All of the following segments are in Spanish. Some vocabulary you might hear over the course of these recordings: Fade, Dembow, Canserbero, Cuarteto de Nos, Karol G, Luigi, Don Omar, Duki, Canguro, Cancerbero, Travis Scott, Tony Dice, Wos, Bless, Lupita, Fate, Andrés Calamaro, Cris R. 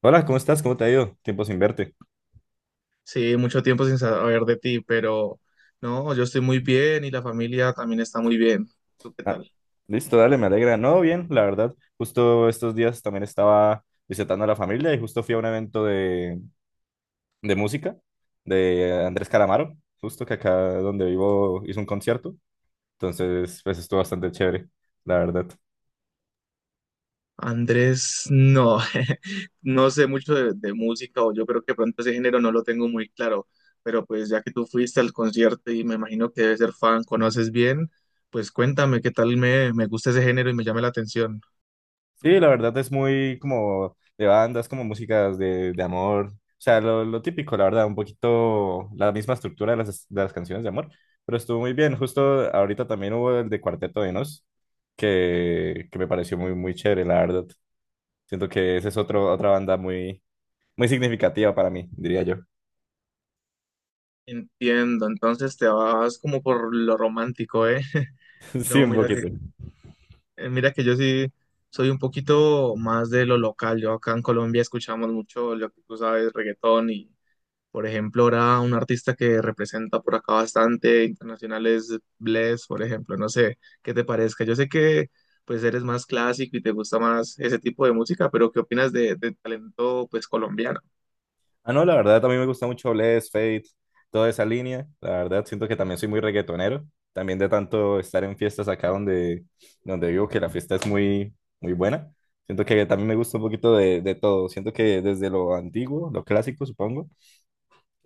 Hola, ¿cómo estás? ¿Cómo te ha ido? Tiempo sin verte. Sí, mucho tiempo sin saber de ti, pero no, yo estoy muy bien y la familia también está muy bien. ¿Tú qué Ah, tal? listo, dale, me alegra. No, bien, la verdad. Justo estos días también estaba visitando a la familia y justo fui a un evento de música de Andrés Calamaro, justo que acá donde vivo hizo un concierto. Entonces, pues estuvo bastante chévere, la verdad. Andrés, no, no sé mucho de música, o yo creo que pronto ese género no lo tengo muy claro, pero pues ya que tú fuiste al concierto y me imagino que debes ser fan, conoces bien, pues cuéntame qué tal, me gusta ese género y me llama la atención. Sí, la verdad es muy como de bandas, como músicas de amor. O sea, lo típico, la verdad, un poquito la misma estructura de las canciones de amor. Pero estuvo muy bien. Justo ahorita también hubo el de Cuarteto de Nos, que me pareció muy, muy chévere, la verdad. Siento que esa es otra banda muy, muy significativa para mí, diría yo. Entiendo, entonces te vas como por lo romántico, ¿eh? Sí, No, un mira. poquito. Mira que yo sí soy un poquito más de lo local. Yo acá en Colombia escuchamos mucho lo que tú sabes, reggaetón y, por ejemplo, ahora un artista que representa por acá bastante internacional es Bless, por ejemplo. No sé qué te parezca. Yo sé que pues eres más clásico y te gusta más ese tipo de música, pero ¿qué opinas de talento pues colombiano? Ah, no, la verdad, también me gusta mucho Bless, Fate, toda esa línea. La verdad, siento que también soy muy reggaetonero. También de tanto estar en fiestas acá donde vivo, que la fiesta es muy, muy buena. Siento que también me gusta un poquito de todo. Siento que desde lo antiguo, lo clásico, supongo,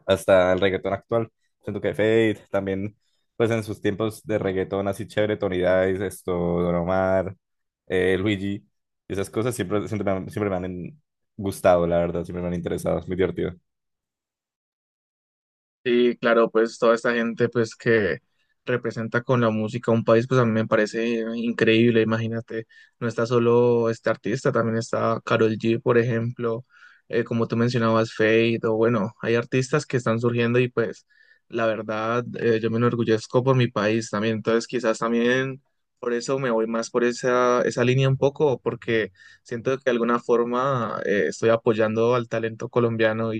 hasta el reggaetón actual. Siento que Fate también, pues en sus tiempos de reggaetón así chévere, Tony Dice, esto, Don Omar, Luigi, esas cosas siempre, siempre me han gustado, la verdad, siempre me han interesado. Es muy divertido. Sí, claro, pues toda esta gente pues que representa con la música un país, pues a mí me parece increíble, imagínate, no está solo este artista, también está Karol G, por ejemplo, como tú mencionabas, Fade, o bueno, hay artistas que están surgiendo y pues la verdad, yo me enorgullezco por mi país también, entonces quizás también por eso me voy más por esa línea un poco, porque siento que de alguna forma estoy apoyando al talento colombiano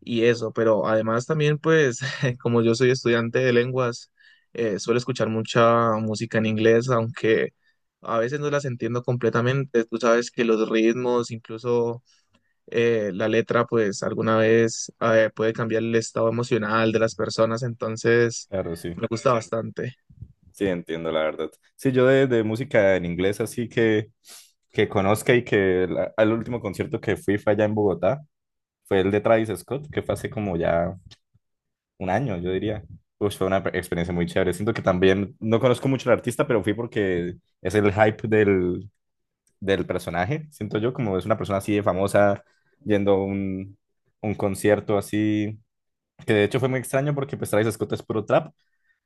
y eso, pero además también pues como yo soy estudiante de lenguas, suelo escuchar mucha música en inglés, aunque a veces no las entiendo completamente. Tú sabes que los ritmos, incluso la letra pues alguna vez puede cambiar el estado emocional de las personas, entonces Claro, sí, me gusta bastante. sí, entiendo la verdad. Sí, yo de música en inglés así que conozca y que al último concierto que fui fue allá en Bogotá, fue el de Travis Scott, que fue hace como ya un año, yo diría. Pues fue una experiencia muy chévere. Siento que también no conozco mucho al artista, pero fui porque es el hype del personaje. Siento yo como es una persona así de famosa yendo a un concierto así, que de hecho fue muy extraño porque pues Travis Scott es puro trap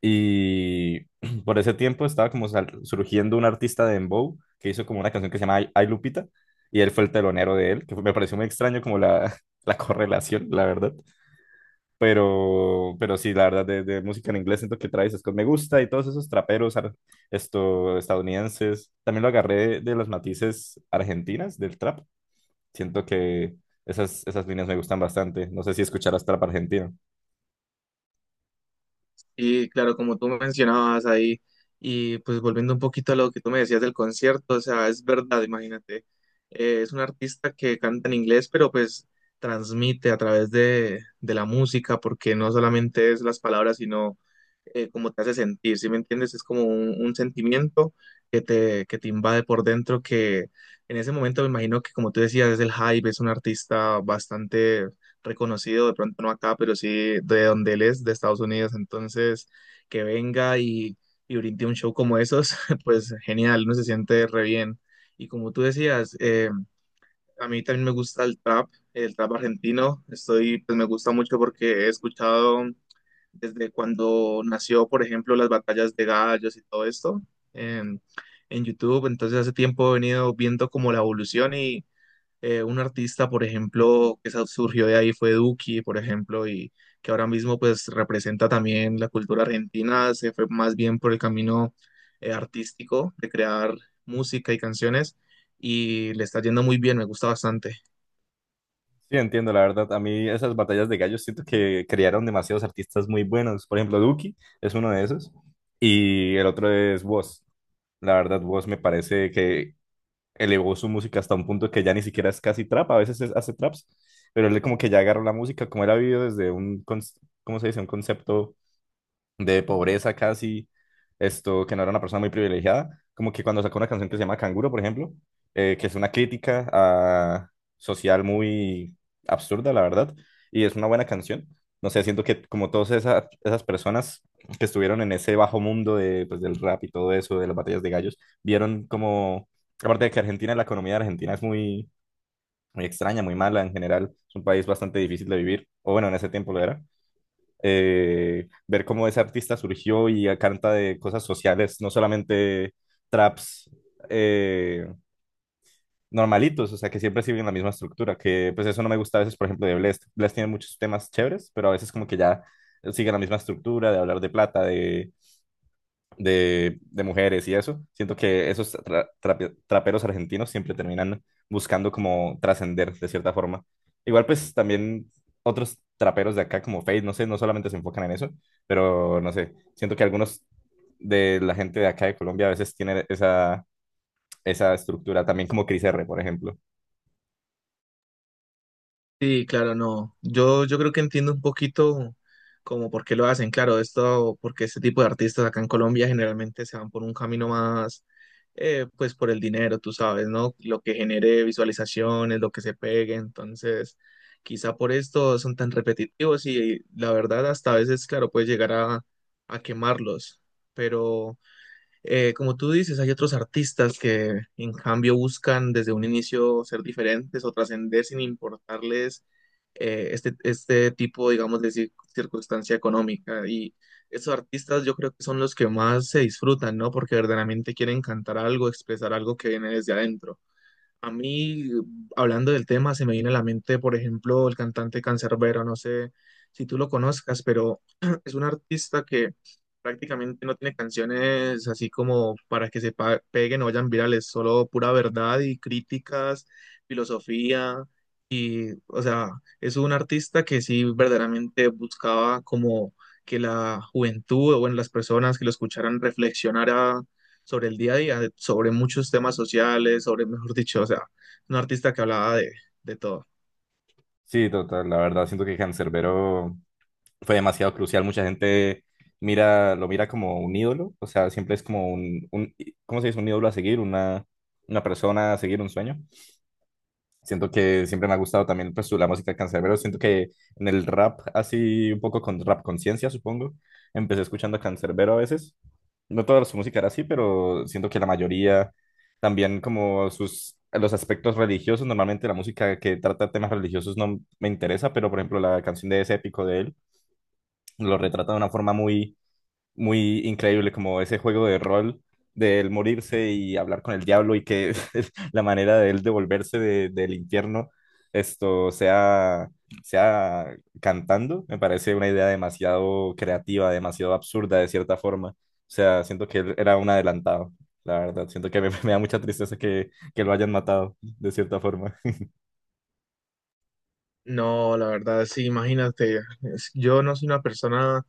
y por ese tiempo estaba como surgiendo un artista de Dembow que hizo como una canción que se llama Ay Ay, Lupita, y él fue el telonero de él, me pareció muy extraño como la correlación, la verdad. Pero sí, la verdad, de música en inglés siento que Travis Scott me gusta y todos esos traperos estadounidenses. También lo agarré de los matices argentinas del trap. Siento que esas líneas me gustan bastante. No sé si escucharás trap argentino. Y claro, como tú mencionabas ahí, y pues volviendo un poquito a lo que tú me decías del concierto, o sea, es verdad, imagínate, es un artista que canta en inglés, pero pues transmite a través de la música, porque no solamente es las palabras, sino cómo te hace sentir, ¿sí me entiendes? Es como un sentimiento que te invade por dentro, que en ese momento me imagino que como tú decías, es el hype, es un artista bastante reconocido, de pronto no acá, pero sí de donde él es, de Estados Unidos. Entonces, que venga y brinde un show como esos, pues genial, uno se siente re bien. Y como tú decías, a mí también me gusta el trap argentino. Estoy, pues me gusta mucho porque he escuchado desde cuando nació, por ejemplo, las batallas de gallos y todo esto en, en YouTube. Entonces hace tiempo he venido viendo como la evolución y, un artista, por ejemplo, surgió de ahí fue Duki, por ejemplo, y que ahora mismo pues representa también la cultura argentina, se fue más bien por el camino, artístico de crear música y canciones y le está yendo muy bien, me gusta bastante. Sí, entiendo, la verdad. A mí esas batallas de gallos siento que crearon demasiados artistas muy buenos. Por ejemplo, Duki es uno de esos. Y el otro es Wos. La verdad, Wos me parece que elevó su música hasta un punto que ya ni siquiera es casi trap. A veces hace traps. Pero él como que ya agarró la música, como él ha vivido desde ¿cómo se dice? Un concepto de pobreza casi, esto, que no era una persona muy privilegiada, como que cuando sacó una canción que se llama Canguro, por ejemplo, que es una crítica social muy absurda, la verdad, y es una buena canción. No sé, siento que como todas esas personas que estuvieron en ese bajo mundo de, pues, del rap y todo eso, de las batallas de gallos, vieron como, aparte de que Argentina, la economía de Argentina es muy, muy extraña, muy mala en general, es un país bastante difícil de vivir, o bueno, en ese tiempo lo era. Eh, ver cómo ese artista surgió y canta de cosas sociales, no solamente traps eh, normalitos, o sea, que siempre siguen la misma estructura, que pues eso no me gusta a veces, por ejemplo, de Blest. Blest tiene muchos temas chéveres, pero a veces como que ya sigue la misma estructura de hablar de plata, de mujeres y eso. Siento que esos traperos argentinos siempre terminan buscando como trascender de cierta forma. Igual pues también otros traperos de acá como Fade, no sé, no solamente se enfocan en eso, pero no sé, siento que algunos de la gente de acá de Colombia a veces tienen esa estructura, también como Cris R, por ejemplo. Sí, claro, no. Yo creo que entiendo un poquito como por qué lo hacen. Claro, esto, porque este tipo de artistas acá en Colombia generalmente se van por un camino más, pues por el dinero, tú sabes, ¿no? Lo que genere visualizaciones, lo que se pegue. Entonces, quizá por esto son tan repetitivos y la verdad hasta a veces, claro, puede llegar a quemarlos. Pero como tú dices, hay otros artistas que en cambio buscan desde un inicio ser diferentes o trascender sin importarles este tipo, digamos, de circunstancia económica. Y esos artistas yo creo que son los que más se disfrutan, ¿no? Porque verdaderamente quieren cantar algo, expresar algo que viene desde adentro. A mí, hablando del tema, se me viene a la mente, por ejemplo, el cantante Canserbero, no sé si tú lo conozcas, pero es un artista que prácticamente no tiene canciones así como para que peguen o vayan virales, solo pura verdad y críticas, filosofía y, o sea, es un artista que sí verdaderamente buscaba como que la juventud o bueno, las personas que lo escucharan reflexionara sobre el día a día, sobre muchos temas sociales, sobre, mejor dicho, o sea, un artista que hablaba de todo. Sí, total, la verdad, siento que Cancerbero fue demasiado crucial. Mucha gente mira, lo mira como un ídolo, o sea, siempre es como ¿cómo se dice? Un ídolo a seguir, una persona a seguir, un sueño. Siento que siempre me ha gustado también pues, la música de Canserbero. Siento que en el rap, así un poco con rap conciencia, supongo, empecé escuchando a Canserbero a veces. No toda su música era así, pero siento que la mayoría, también como sus... Los aspectos religiosos, normalmente la música que trata temas religiosos no me interesa, pero por ejemplo la canción de ese épico de él, lo retrata de una forma muy, muy increíble, como ese juego de rol de él morirse y hablar con el diablo y que la manera de él devolverse del infierno esto sea, sea cantando, me parece una idea demasiado creativa, demasiado absurda de cierta forma. O sea, siento que él era un adelantado, la verdad. Siento que me da mucha tristeza que lo hayan matado de cierta forma. No, la verdad, sí, imagínate, yo no soy una persona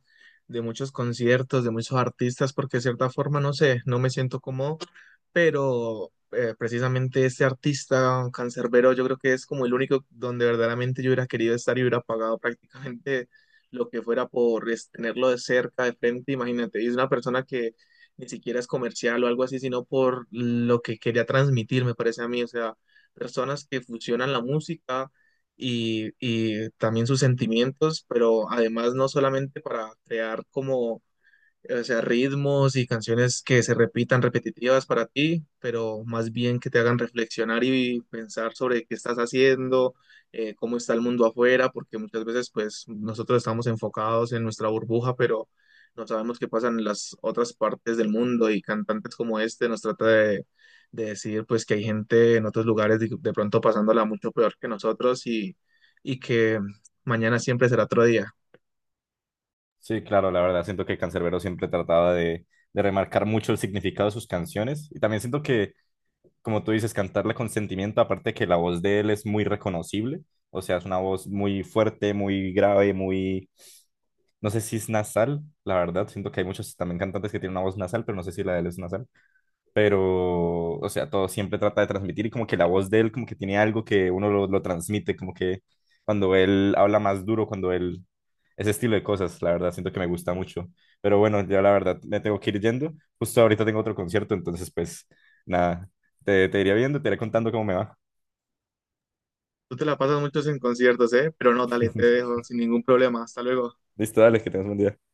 de muchos conciertos, de muchos artistas, porque de cierta forma, no sé, no me siento cómodo, pero precisamente este artista cancerbero yo creo que es como el único donde verdaderamente yo hubiera querido estar y hubiera pagado prácticamente lo que fuera por tenerlo de cerca, de frente, imagínate, y es una persona que ni siquiera es comercial o algo así, sino por lo que quería transmitir, me parece a mí, o sea, personas que fusionan la música y también sus sentimientos, pero además no solamente para crear como, o sea, ritmos y canciones que se repitan repetitivas para ti, pero más bien que te hagan reflexionar y pensar sobre qué estás haciendo, cómo está el mundo afuera, porque muchas veces pues nosotros estamos enfocados en nuestra burbuja, pero no sabemos qué pasa en las otras partes del mundo y cantantes como este nos trata de decir pues que hay gente en otros lugares de pronto pasándola mucho peor que nosotros y que mañana siempre será otro día. Sí, claro, la verdad, siento que Canserbero siempre trataba de remarcar mucho el significado de sus canciones y también siento que, como tú dices, cantarla con sentimiento, aparte que la voz de él es muy reconocible, o sea, es una voz muy fuerte, muy grave, muy, no sé si es nasal, la verdad, siento que hay muchos también cantantes que tienen una voz nasal, pero no sé si la de él es nasal, pero, o sea, todo siempre trata de transmitir y como que la voz de él como que tiene algo que uno lo transmite, como que cuando él habla más duro, cuando él, ese estilo de cosas, la verdad, siento que me gusta mucho. Pero bueno, ya la verdad, me tengo que ir yendo. Justo ahorita tengo otro concierto, entonces pues nada, te iré viendo, te iré contando cómo me va. Tú te la pasas muchos en conciertos, ¿eh? Pero no, dale, te dejo sin ningún problema. Hasta luego. Listo, dale, que tengas un buen día.